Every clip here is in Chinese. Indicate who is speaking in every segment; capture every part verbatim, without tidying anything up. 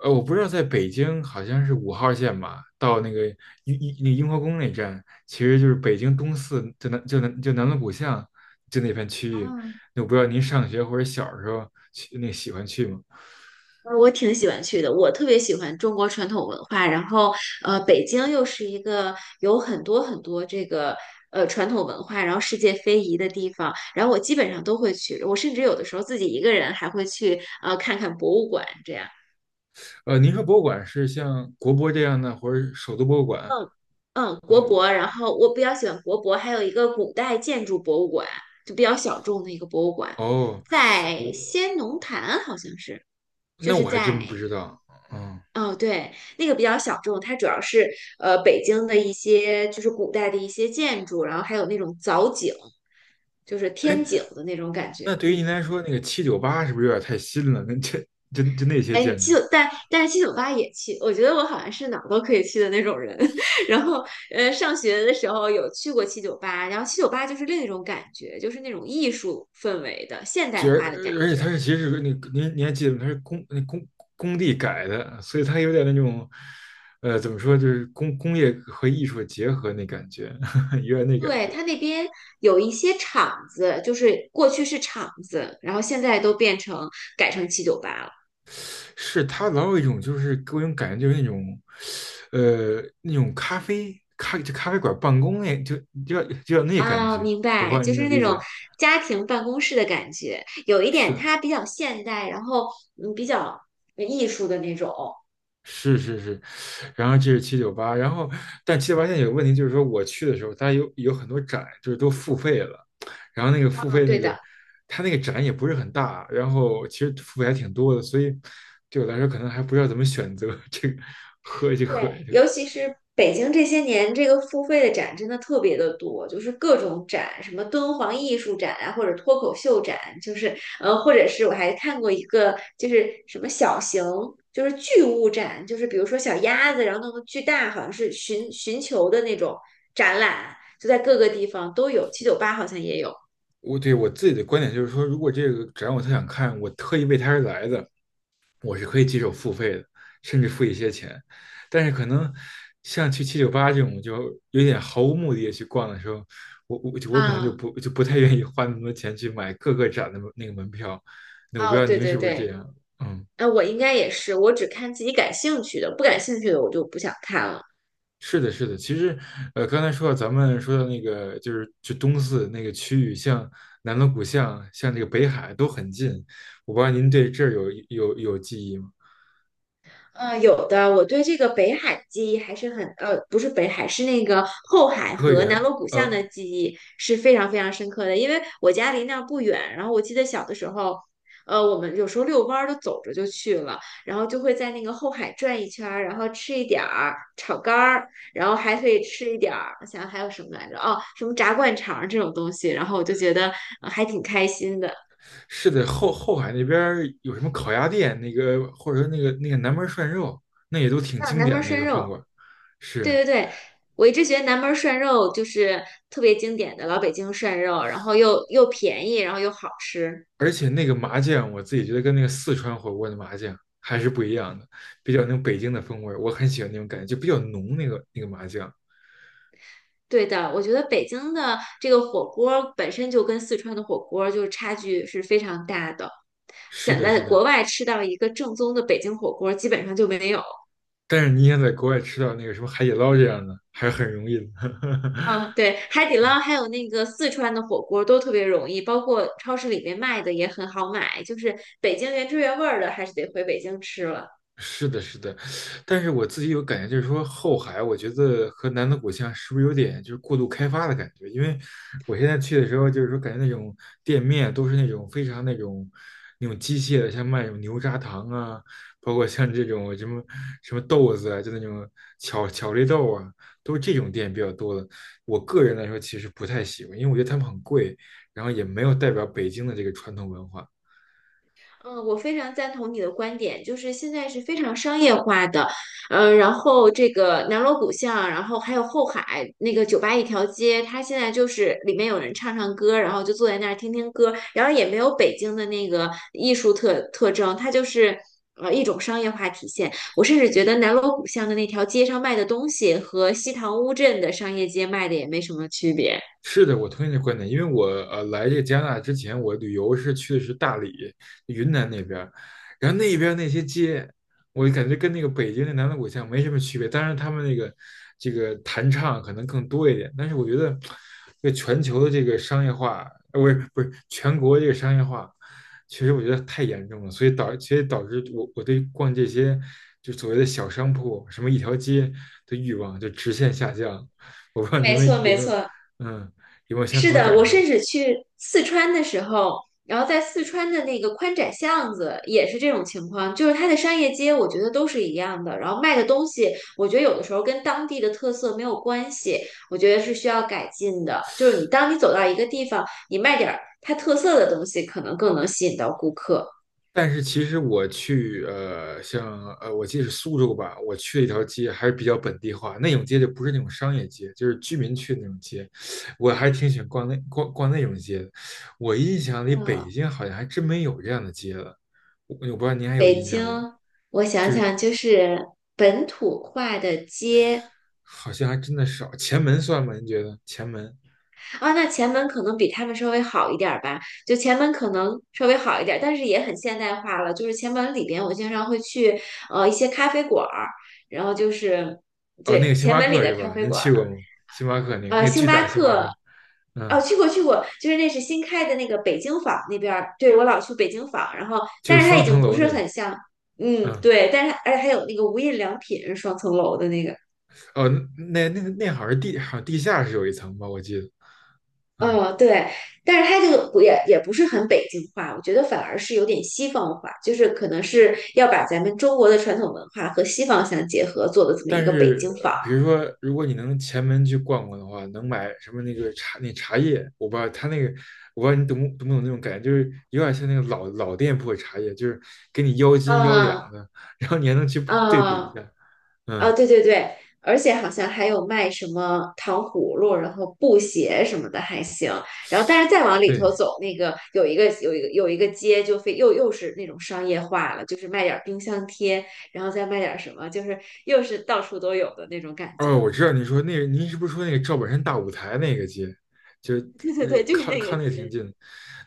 Speaker 1: 呃，我不知道在北京好像是五号线吧，到那个雍雍那雍和宫那站，其实就是北京东四，就南就南就南锣鼓巷就那片区域。
Speaker 2: 嗯，
Speaker 1: 那我不知道您上学或者小时候去那喜欢去吗？
Speaker 2: 呃我挺喜欢去的，我特别喜欢中国传统文化。然后，呃，北京又是一个有很多很多这个呃传统文化，然后世界非遗的地方。然后我基本上都会去，我甚至有的时候自己一个人还会去呃看看博物馆这样。
Speaker 1: 呃，您说博物馆是像国博这样的，或者首都博物馆
Speaker 2: 嗯嗯，
Speaker 1: 那
Speaker 2: 国
Speaker 1: 个？
Speaker 2: 博。然后我比较喜欢国博，还有一个古代建筑博物馆，就比较小众的一个博物馆，
Speaker 1: 哦，
Speaker 2: 在
Speaker 1: 我
Speaker 2: 先农坛好像是，就
Speaker 1: 那
Speaker 2: 是
Speaker 1: 我还真
Speaker 2: 在
Speaker 1: 不知道。嗯。
Speaker 2: 哦，对，那个比较小众，它主要是呃北京的一些就是古代的一些建筑，然后还有那种藻井，就是
Speaker 1: 哎，
Speaker 2: 天井的那种感
Speaker 1: 那
Speaker 2: 觉。
Speaker 1: 对于
Speaker 2: 嗯，
Speaker 1: 您来说，那个七九八是不是有点太新了？那这就就那些
Speaker 2: 哎，你
Speaker 1: 建
Speaker 2: 七
Speaker 1: 筑？
Speaker 2: 九，但但是七九八也去，我觉得我好像是哪儿都可以去的那种人。然后呃，上学的时候有去过七九八，然后七九八就是另一种感觉，就是那种艺术氛围的现代
Speaker 1: 就，而
Speaker 2: 化的感
Speaker 1: 而且它
Speaker 2: 觉。
Speaker 1: 是其实是那个您您还记得吗？它是工那工工地改的，所以它有点那种，呃，怎么说，就是工工业和艺术的结合那感觉，有点那感
Speaker 2: 对，
Speaker 1: 觉。
Speaker 2: 它那边有一些厂子，就是过去是厂子，然后现在都变成改成七九八了。
Speaker 1: 是它老有一种就是给我一种感觉，就是那种，呃，那种咖啡咖就咖啡馆办公那就就要就要那感
Speaker 2: 啊，
Speaker 1: 觉，
Speaker 2: 明
Speaker 1: 我不知
Speaker 2: 白，
Speaker 1: 道
Speaker 2: 就
Speaker 1: 您能
Speaker 2: 是
Speaker 1: 理
Speaker 2: 那种
Speaker 1: 解。
Speaker 2: 家庭办公室的感觉，有一
Speaker 1: 是
Speaker 2: 点
Speaker 1: 的，
Speaker 2: 它比较现代，然后嗯，比较艺术的那种。
Speaker 1: 是是是，然后这是七九八。然后但七九八现在有个问题，就是说我去的时候，它有有很多展，就是都付费了，然后那个付
Speaker 2: 啊，
Speaker 1: 费那
Speaker 2: 对
Speaker 1: 个，
Speaker 2: 的。
Speaker 1: 它那个展也不是很大，然后其实付费还挺多的，所以对我来说可能还不知道怎么选择 这个喝这和
Speaker 2: 对，
Speaker 1: 这个
Speaker 2: 尤其是北京这些年，这个付费的展真的特别的多，就是各种展，什么敦煌艺术展啊，或者脱口秀展，就是呃，或者是我还看过一个，就是什么小型，就是巨物展，就是比如说小鸭子，然后弄个巨大，好像是寻寻求的那种展览，就在各个地方都有，七九八好像也有
Speaker 1: 我对我自己的观点就是说，如果这个展我特想看，我特意为它而来的，我是可以接受付费的，甚至付一些钱。但是可能像去七九八这种就有点毫无目的的去逛的时候，我我我可能就
Speaker 2: 啊，
Speaker 1: 不就不太愿意花那么多钱去买各个展的那个门票。那我不
Speaker 2: 哦，
Speaker 1: 知道
Speaker 2: 对
Speaker 1: 您
Speaker 2: 对
Speaker 1: 是不是这
Speaker 2: 对，
Speaker 1: 样？嗯，
Speaker 2: 那我应该也是，我只看自己感兴趣的，不感兴趣的我就不想看了。
Speaker 1: 是的，是的。其实，呃，刚才说到咱们说到那个就是就东四那个区域，像南锣鼓巷，像这个北海都很近。我不知道您对这儿有有有记忆吗？
Speaker 2: 嗯，有的，我对这个北海记忆还是很，呃，不是北海，是那个后
Speaker 1: 颐
Speaker 2: 海
Speaker 1: 和
Speaker 2: 和南
Speaker 1: 园。
Speaker 2: 锣鼓巷的
Speaker 1: 呃
Speaker 2: 记忆是非常非常深刻的，因为我家离那儿不远，然后我记得小的时候，呃，我们有时候遛弯儿都走着就去了，然后就会在那个后海转一圈儿，然后吃一点儿炒肝儿，然后还可以吃一点儿，我想想还有什么来着？哦，什么炸灌肠儿这种东西，然后我就觉得，呃还挺开心的。
Speaker 1: 是的，后后海那边儿有什么烤鸭店，那个或者说那个那个南门涮肉，那也都挺
Speaker 2: 啊，
Speaker 1: 经
Speaker 2: 南
Speaker 1: 典的
Speaker 2: 门
Speaker 1: 那
Speaker 2: 涮
Speaker 1: 个饭
Speaker 2: 肉。
Speaker 1: 馆。
Speaker 2: 对
Speaker 1: 是，
Speaker 2: 对对，我一直觉得南门涮肉就是特别经典的老北京涮肉，然后又又便宜，然后又好吃。
Speaker 1: 而且那个麻酱，我自己觉得跟那个四川火锅的麻酱还是不一样的，比较那种北京的风味儿，我很喜欢那种感觉，就比较浓那个那个麻酱。
Speaker 2: 对的，我觉得北京的这个火锅本身就跟四川的火锅就是差距是非常大的，
Speaker 1: 是
Speaker 2: 想
Speaker 1: 的，
Speaker 2: 在
Speaker 1: 是
Speaker 2: 国
Speaker 1: 的，
Speaker 2: 外吃到一个正宗的北京火锅基本上就没有。
Speaker 1: 但是你想在国外吃到那个什么海底捞这样的，还是很容易的。
Speaker 2: 嗯，对，海底捞还有那个四川的火锅都特别容易，包括超市里面卖的也很好买，就是北京原汁原味儿的还是得回北京吃了。
Speaker 1: 是的，是的，但是我自己有感觉，就是说后海，我觉得和南锣鼓巷是不是有点就是过度开发的感觉？因为我现在去的时候，就是说感觉那种店面都是那种非常那种那种机械的，像卖那种牛轧糖啊，包括像这种什么什么豆子啊，就那种巧巧克力豆啊，都是这种店比较多的。我个人来说，其实不太喜欢，因为我觉得他们很贵，然后也没有代表北京的这个传统文化。
Speaker 2: 嗯，我非常赞同你的观点，就是现在是非常商业化的，嗯，然后这个南锣鼓巷，然后还有后海那个酒吧一条街，它现在就是里面有人唱唱歌，然后就坐在那儿听听歌，然后也没有北京的那个艺术特特征，它就是呃一种商业化体现。我甚至觉得南锣鼓巷的那条街上卖的东西和西塘乌镇的商业街卖的也没什么区别。
Speaker 1: 是的，我同意你的观点，因为我呃来这个加拿大之前，我旅游是去的是大理、云南那边儿，然后那边儿那些街，我就感觉跟那个北京的南锣鼓巷没什么区别，当然他们那个这个弹唱可能更多一点，但是我觉得这个全球的这个商业化，呃，不是不是全国这个商业化，其实我觉得太严重了，所以导其实导致我我对逛这些就所谓的小商铺，什么一条街的欲望就直线下降，我不知道你
Speaker 2: 没
Speaker 1: 们
Speaker 2: 错，
Speaker 1: 有
Speaker 2: 没
Speaker 1: 没有。
Speaker 2: 错。
Speaker 1: 嗯，有没有相同
Speaker 2: 是
Speaker 1: 的
Speaker 2: 的，
Speaker 1: 感
Speaker 2: 我
Speaker 1: 受？
Speaker 2: 甚至去四川的时候，然后在四川的那个宽窄巷子也是这种情况，就是它的商业街，我觉得都是一样的，然后卖的东西，我觉得有的时候跟当地的特色没有关系，我觉得是需要改进的。就是你当你走到一个地方，你卖点儿它特色的东西，可能更能吸引到顾客。
Speaker 1: 但是其实我去呃，像呃，我记得是苏州吧，我去了一条街还是比较本地化，那种街就不是那种商业街，就是居民区的那种街，我还挺喜欢逛那逛逛那种街的。我印象里
Speaker 2: 嗯，
Speaker 1: 北京好像还真没有这样的街了，我我不知道您还有
Speaker 2: 北
Speaker 1: 印象吗？
Speaker 2: 京，我想
Speaker 1: 就是
Speaker 2: 想，就是本土化的街。
Speaker 1: 好像还真的少。前门算吗？您觉得前门？
Speaker 2: 啊，那前门可能比他们稍微好一点儿吧，就前门可能稍微好一点儿，但是也很现代化了。就是前门里边，我经常会去呃一些咖啡馆儿，然后就是
Speaker 1: 哦，那个
Speaker 2: 对
Speaker 1: 星
Speaker 2: 前
Speaker 1: 巴
Speaker 2: 门里
Speaker 1: 克
Speaker 2: 的
Speaker 1: 是
Speaker 2: 咖
Speaker 1: 吧？
Speaker 2: 啡
Speaker 1: 您
Speaker 2: 馆儿，
Speaker 1: 去过吗？星巴克那个
Speaker 2: 呃，
Speaker 1: 那个
Speaker 2: 星
Speaker 1: 巨
Speaker 2: 巴
Speaker 1: 大星巴
Speaker 2: 克，
Speaker 1: 克，
Speaker 2: 哦，
Speaker 1: 嗯，
Speaker 2: 去过去过，就是那是新开的那个北京坊那边儿，对我老去北京坊，然后
Speaker 1: 就是
Speaker 2: 但是它
Speaker 1: 双
Speaker 2: 已经
Speaker 1: 层
Speaker 2: 不
Speaker 1: 楼
Speaker 2: 是
Speaker 1: 那个，
Speaker 2: 很像，嗯，
Speaker 1: 嗯。
Speaker 2: 对，但是而且还有那个无印良品双层楼的那个。
Speaker 1: 哦，那那那好像是地好像地下是有一层吧，我记得，嗯，
Speaker 2: 哦，对，但是它这个不也也不是很北京话，我觉得反而是有点西方化，就是可能是要把咱们中国的传统文化和西方相结合做的这么一
Speaker 1: 但
Speaker 2: 个北
Speaker 1: 是
Speaker 2: 京坊。
Speaker 1: 呃比如说，如果你能前门去逛逛的话，能买什么那个茶那茶叶，我不知道他那个，我不知道你懂不懂不懂那种感觉，就是有点像那个老老店铺的茶叶，就是给你腰斤腰
Speaker 2: 啊
Speaker 1: 两的，然后你还能去对比一
Speaker 2: 啊
Speaker 1: 下，
Speaker 2: 啊！
Speaker 1: 嗯，
Speaker 2: 对对对，而且好像还有卖什么糖葫芦，然后布鞋什么的还行。然后，但是再往里头
Speaker 1: 对。
Speaker 2: 走，那个有一个有一个有一个街就非又又是那种商业化了，就是卖点儿冰箱贴，然后再卖点儿什么，就是又是到处都有的那种感觉。
Speaker 1: 哦，我知道你说那个，您是不是说那个赵本山大舞台那个街，就呃
Speaker 2: 对 对对，就是
Speaker 1: 靠
Speaker 2: 那
Speaker 1: 靠
Speaker 2: 个
Speaker 1: 那个挺
Speaker 2: 节。
Speaker 1: 近的，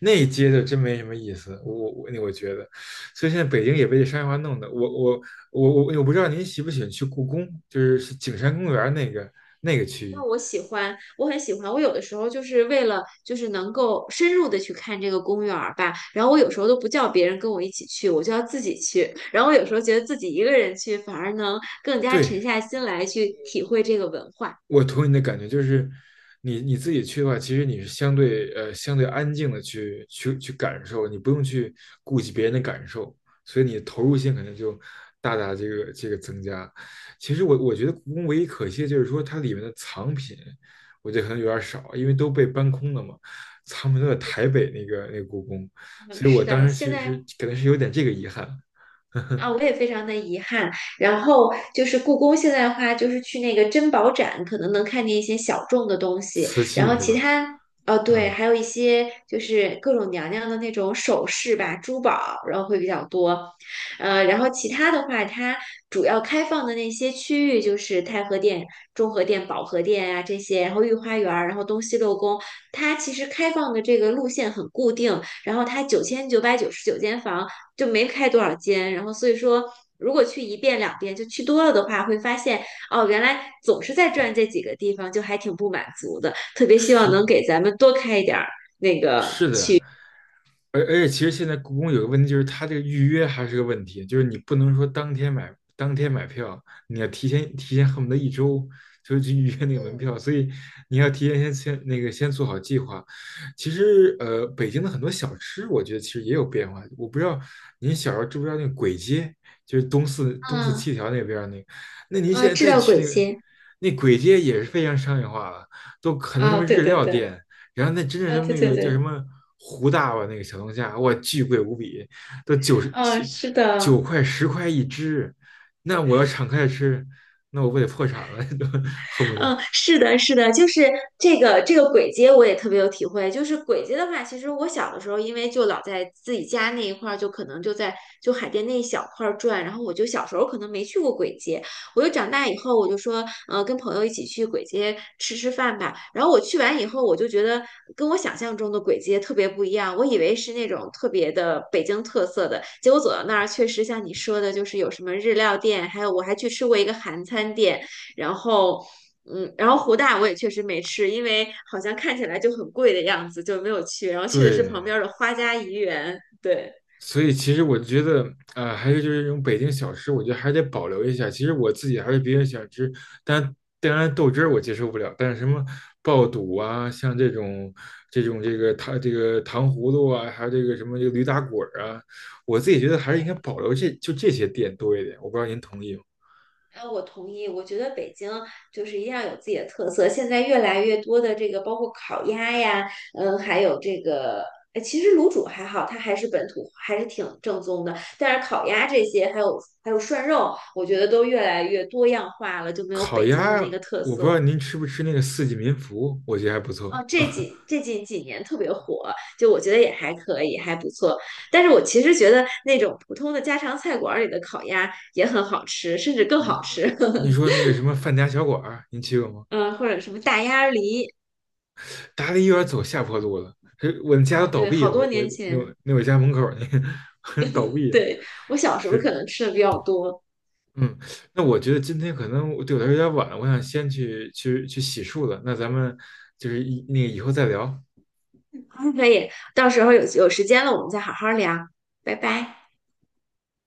Speaker 1: 那一街就真没什么意思，我我那我觉得，所以现在北京也被这商业化弄的，我我我我我不知道您喜不喜欢去故宫，就是是景山公园那个那个区域，
Speaker 2: 那我喜欢，我很喜欢。我有的时候就是为了，就是能够深入的去看这个公园儿吧。然后我有时候都不叫别人跟我一起去，我就要自己去。然后我有时候觉得自己一个人去，反而能更加沉
Speaker 1: 对，
Speaker 2: 下心来去体会这个文化。
Speaker 1: 我同意你的感觉，就是你你自己去的话，其实你是相对呃相对安静的去去去感受，你不用去顾及别人的感受，所以你投入性可能就大大这个这个增加。其实我我觉得故宫唯一可惜的就是说它里面的藏品，我觉得可能有点少，因为都被搬空了嘛，藏品都在台北那个那个故宫，
Speaker 2: 嗯，
Speaker 1: 所以我
Speaker 2: 是
Speaker 1: 当
Speaker 2: 的，
Speaker 1: 时
Speaker 2: 现
Speaker 1: 其
Speaker 2: 在
Speaker 1: 实可能是有点这个遗憾，
Speaker 2: 啊，我也非常的遗憾。然后就是故宫现在的话，就是去那个珍宝展，可能能看见一些小众的东西。
Speaker 1: 瓷
Speaker 2: 然
Speaker 1: 器
Speaker 2: 后
Speaker 1: 是
Speaker 2: 其
Speaker 1: 吧？
Speaker 2: 他，哦，对，
Speaker 1: 嗯，
Speaker 2: 还有一些就是各种娘娘的那种首饰吧、珠宝，然后会比较多。呃，然后其他的话，它主要开放的那些区域就是太和殿、中和殿、保和殿啊这些，然后御花园儿，然后东西六宫，它其实开放的这个路线很固定。然后它九千九百九十九间房。就没开多少间，然后所以说，如果去一遍两遍，就去多了的话，会发现哦，原来总是在转这几个地方，就还挺不满足的。特别希望
Speaker 1: 是
Speaker 2: 能给咱们多开一点儿。
Speaker 1: 是的，而而且其实现在故宫有个问题，就是它这个预约还是个问题，就是你不能说当天买当天买票，你要提前提前恨不得一周就去预约那个门票，所以你要提前先先那个先做好计划。其实呃，北京的很多小吃，我觉得其实也有变化。我不知道您小时候知不知道那个簋街，就是东四东四
Speaker 2: 嗯
Speaker 1: 七条那边儿那个，那您现
Speaker 2: 啊，
Speaker 1: 在
Speaker 2: 知
Speaker 1: 再
Speaker 2: 道
Speaker 1: 去
Speaker 2: 鬼
Speaker 1: 那个
Speaker 2: 街。
Speaker 1: 那鬼街也是非常商业化了，都很多什
Speaker 2: 啊，
Speaker 1: 么
Speaker 2: 对
Speaker 1: 日
Speaker 2: 对
Speaker 1: 料
Speaker 2: 对，
Speaker 1: 店。然后那真正
Speaker 2: 啊，
Speaker 1: 什么
Speaker 2: 对
Speaker 1: 那
Speaker 2: 对
Speaker 1: 个叫什
Speaker 2: 对，
Speaker 1: 么胡大吧，那个小龙虾，哇，巨贵无比，都九十
Speaker 2: 啊，
Speaker 1: 九
Speaker 2: 是
Speaker 1: 九
Speaker 2: 的。
Speaker 1: 块十块一只。那我要敞开吃，那我不得破产了，都恨不得。
Speaker 2: 嗯，是的，是的，就是这个这个鬼街我也特别有体会。就是鬼街的话，其实我小的时候，因为就老在自己家那一块儿，就可能就在就海淀那一小块儿转，然后我就小时候可能没去过鬼街。我就长大以后，我就说，呃，跟朋友一起去鬼街吃吃饭吧。然后我去完以后，我就觉得跟我想象中的鬼街特别不一样。我以为是那种特别的北京特色的，结果走到那儿，确实像你说的，就是有什么日料店，还有我还去吃过一个韩餐店，然后。嗯，然后湖大我也确实没吃，因为好像看起来就很贵的样子，就没有去。然后去的是
Speaker 1: 对，
Speaker 2: 旁边儿的花家怡园，对。
Speaker 1: 所以其实我觉得，啊，还是就是这种北京小吃，我觉得还是得保留一下。其实我自己还是比较喜欢吃，但当然豆汁儿我接受不了，但是什么爆肚啊，像这种这种这个糖这个糖葫芦啊，还有这个什么这个驴打滚儿啊，我自己觉得还是应该保留这就这些店多一点。我不知道您同意吗？
Speaker 2: 啊，我同意。我觉得北京就是一定要有自己的特色。现在越来越多的这个，包括烤鸭呀，嗯，还有这个，呃其实卤煮还好，它还是本土，还是挺正宗的。但是烤鸭这些，还有还有涮肉，我觉得都越来越多样化了，就没有
Speaker 1: 烤
Speaker 2: 北京的
Speaker 1: 鸭，
Speaker 2: 那个特
Speaker 1: 我不知道
Speaker 2: 色。
Speaker 1: 您吃不吃那个四季民福，我觉得还不错。
Speaker 2: 哦，这几这几几年特别火，就我觉得也还可以，还不错。但是我其实觉得那种普通的家常菜馆儿里的烤鸭也很好吃，甚至更好
Speaker 1: 你
Speaker 2: 吃。
Speaker 1: 你说那个什么范家小馆儿，您去过吗？
Speaker 2: 嗯，或者什么大鸭梨，
Speaker 1: 达利有点走下坡路了，是我们家都
Speaker 2: 啊、
Speaker 1: 倒
Speaker 2: 对，
Speaker 1: 闭
Speaker 2: 好
Speaker 1: 了，我
Speaker 2: 多
Speaker 1: 我
Speaker 2: 年
Speaker 1: 那
Speaker 2: 前，
Speaker 1: 我那我家门口那个 倒闭了，
Speaker 2: 对，我小时候可
Speaker 1: 是。
Speaker 2: 能吃的比较多。
Speaker 1: 嗯。那我觉得今天可能我对我来说有点晚了，我想先去去去洗漱了，那咱们就是以那个以后再聊。
Speaker 2: 嗯可以，到时候有有时间了，我们再好好聊，拜拜。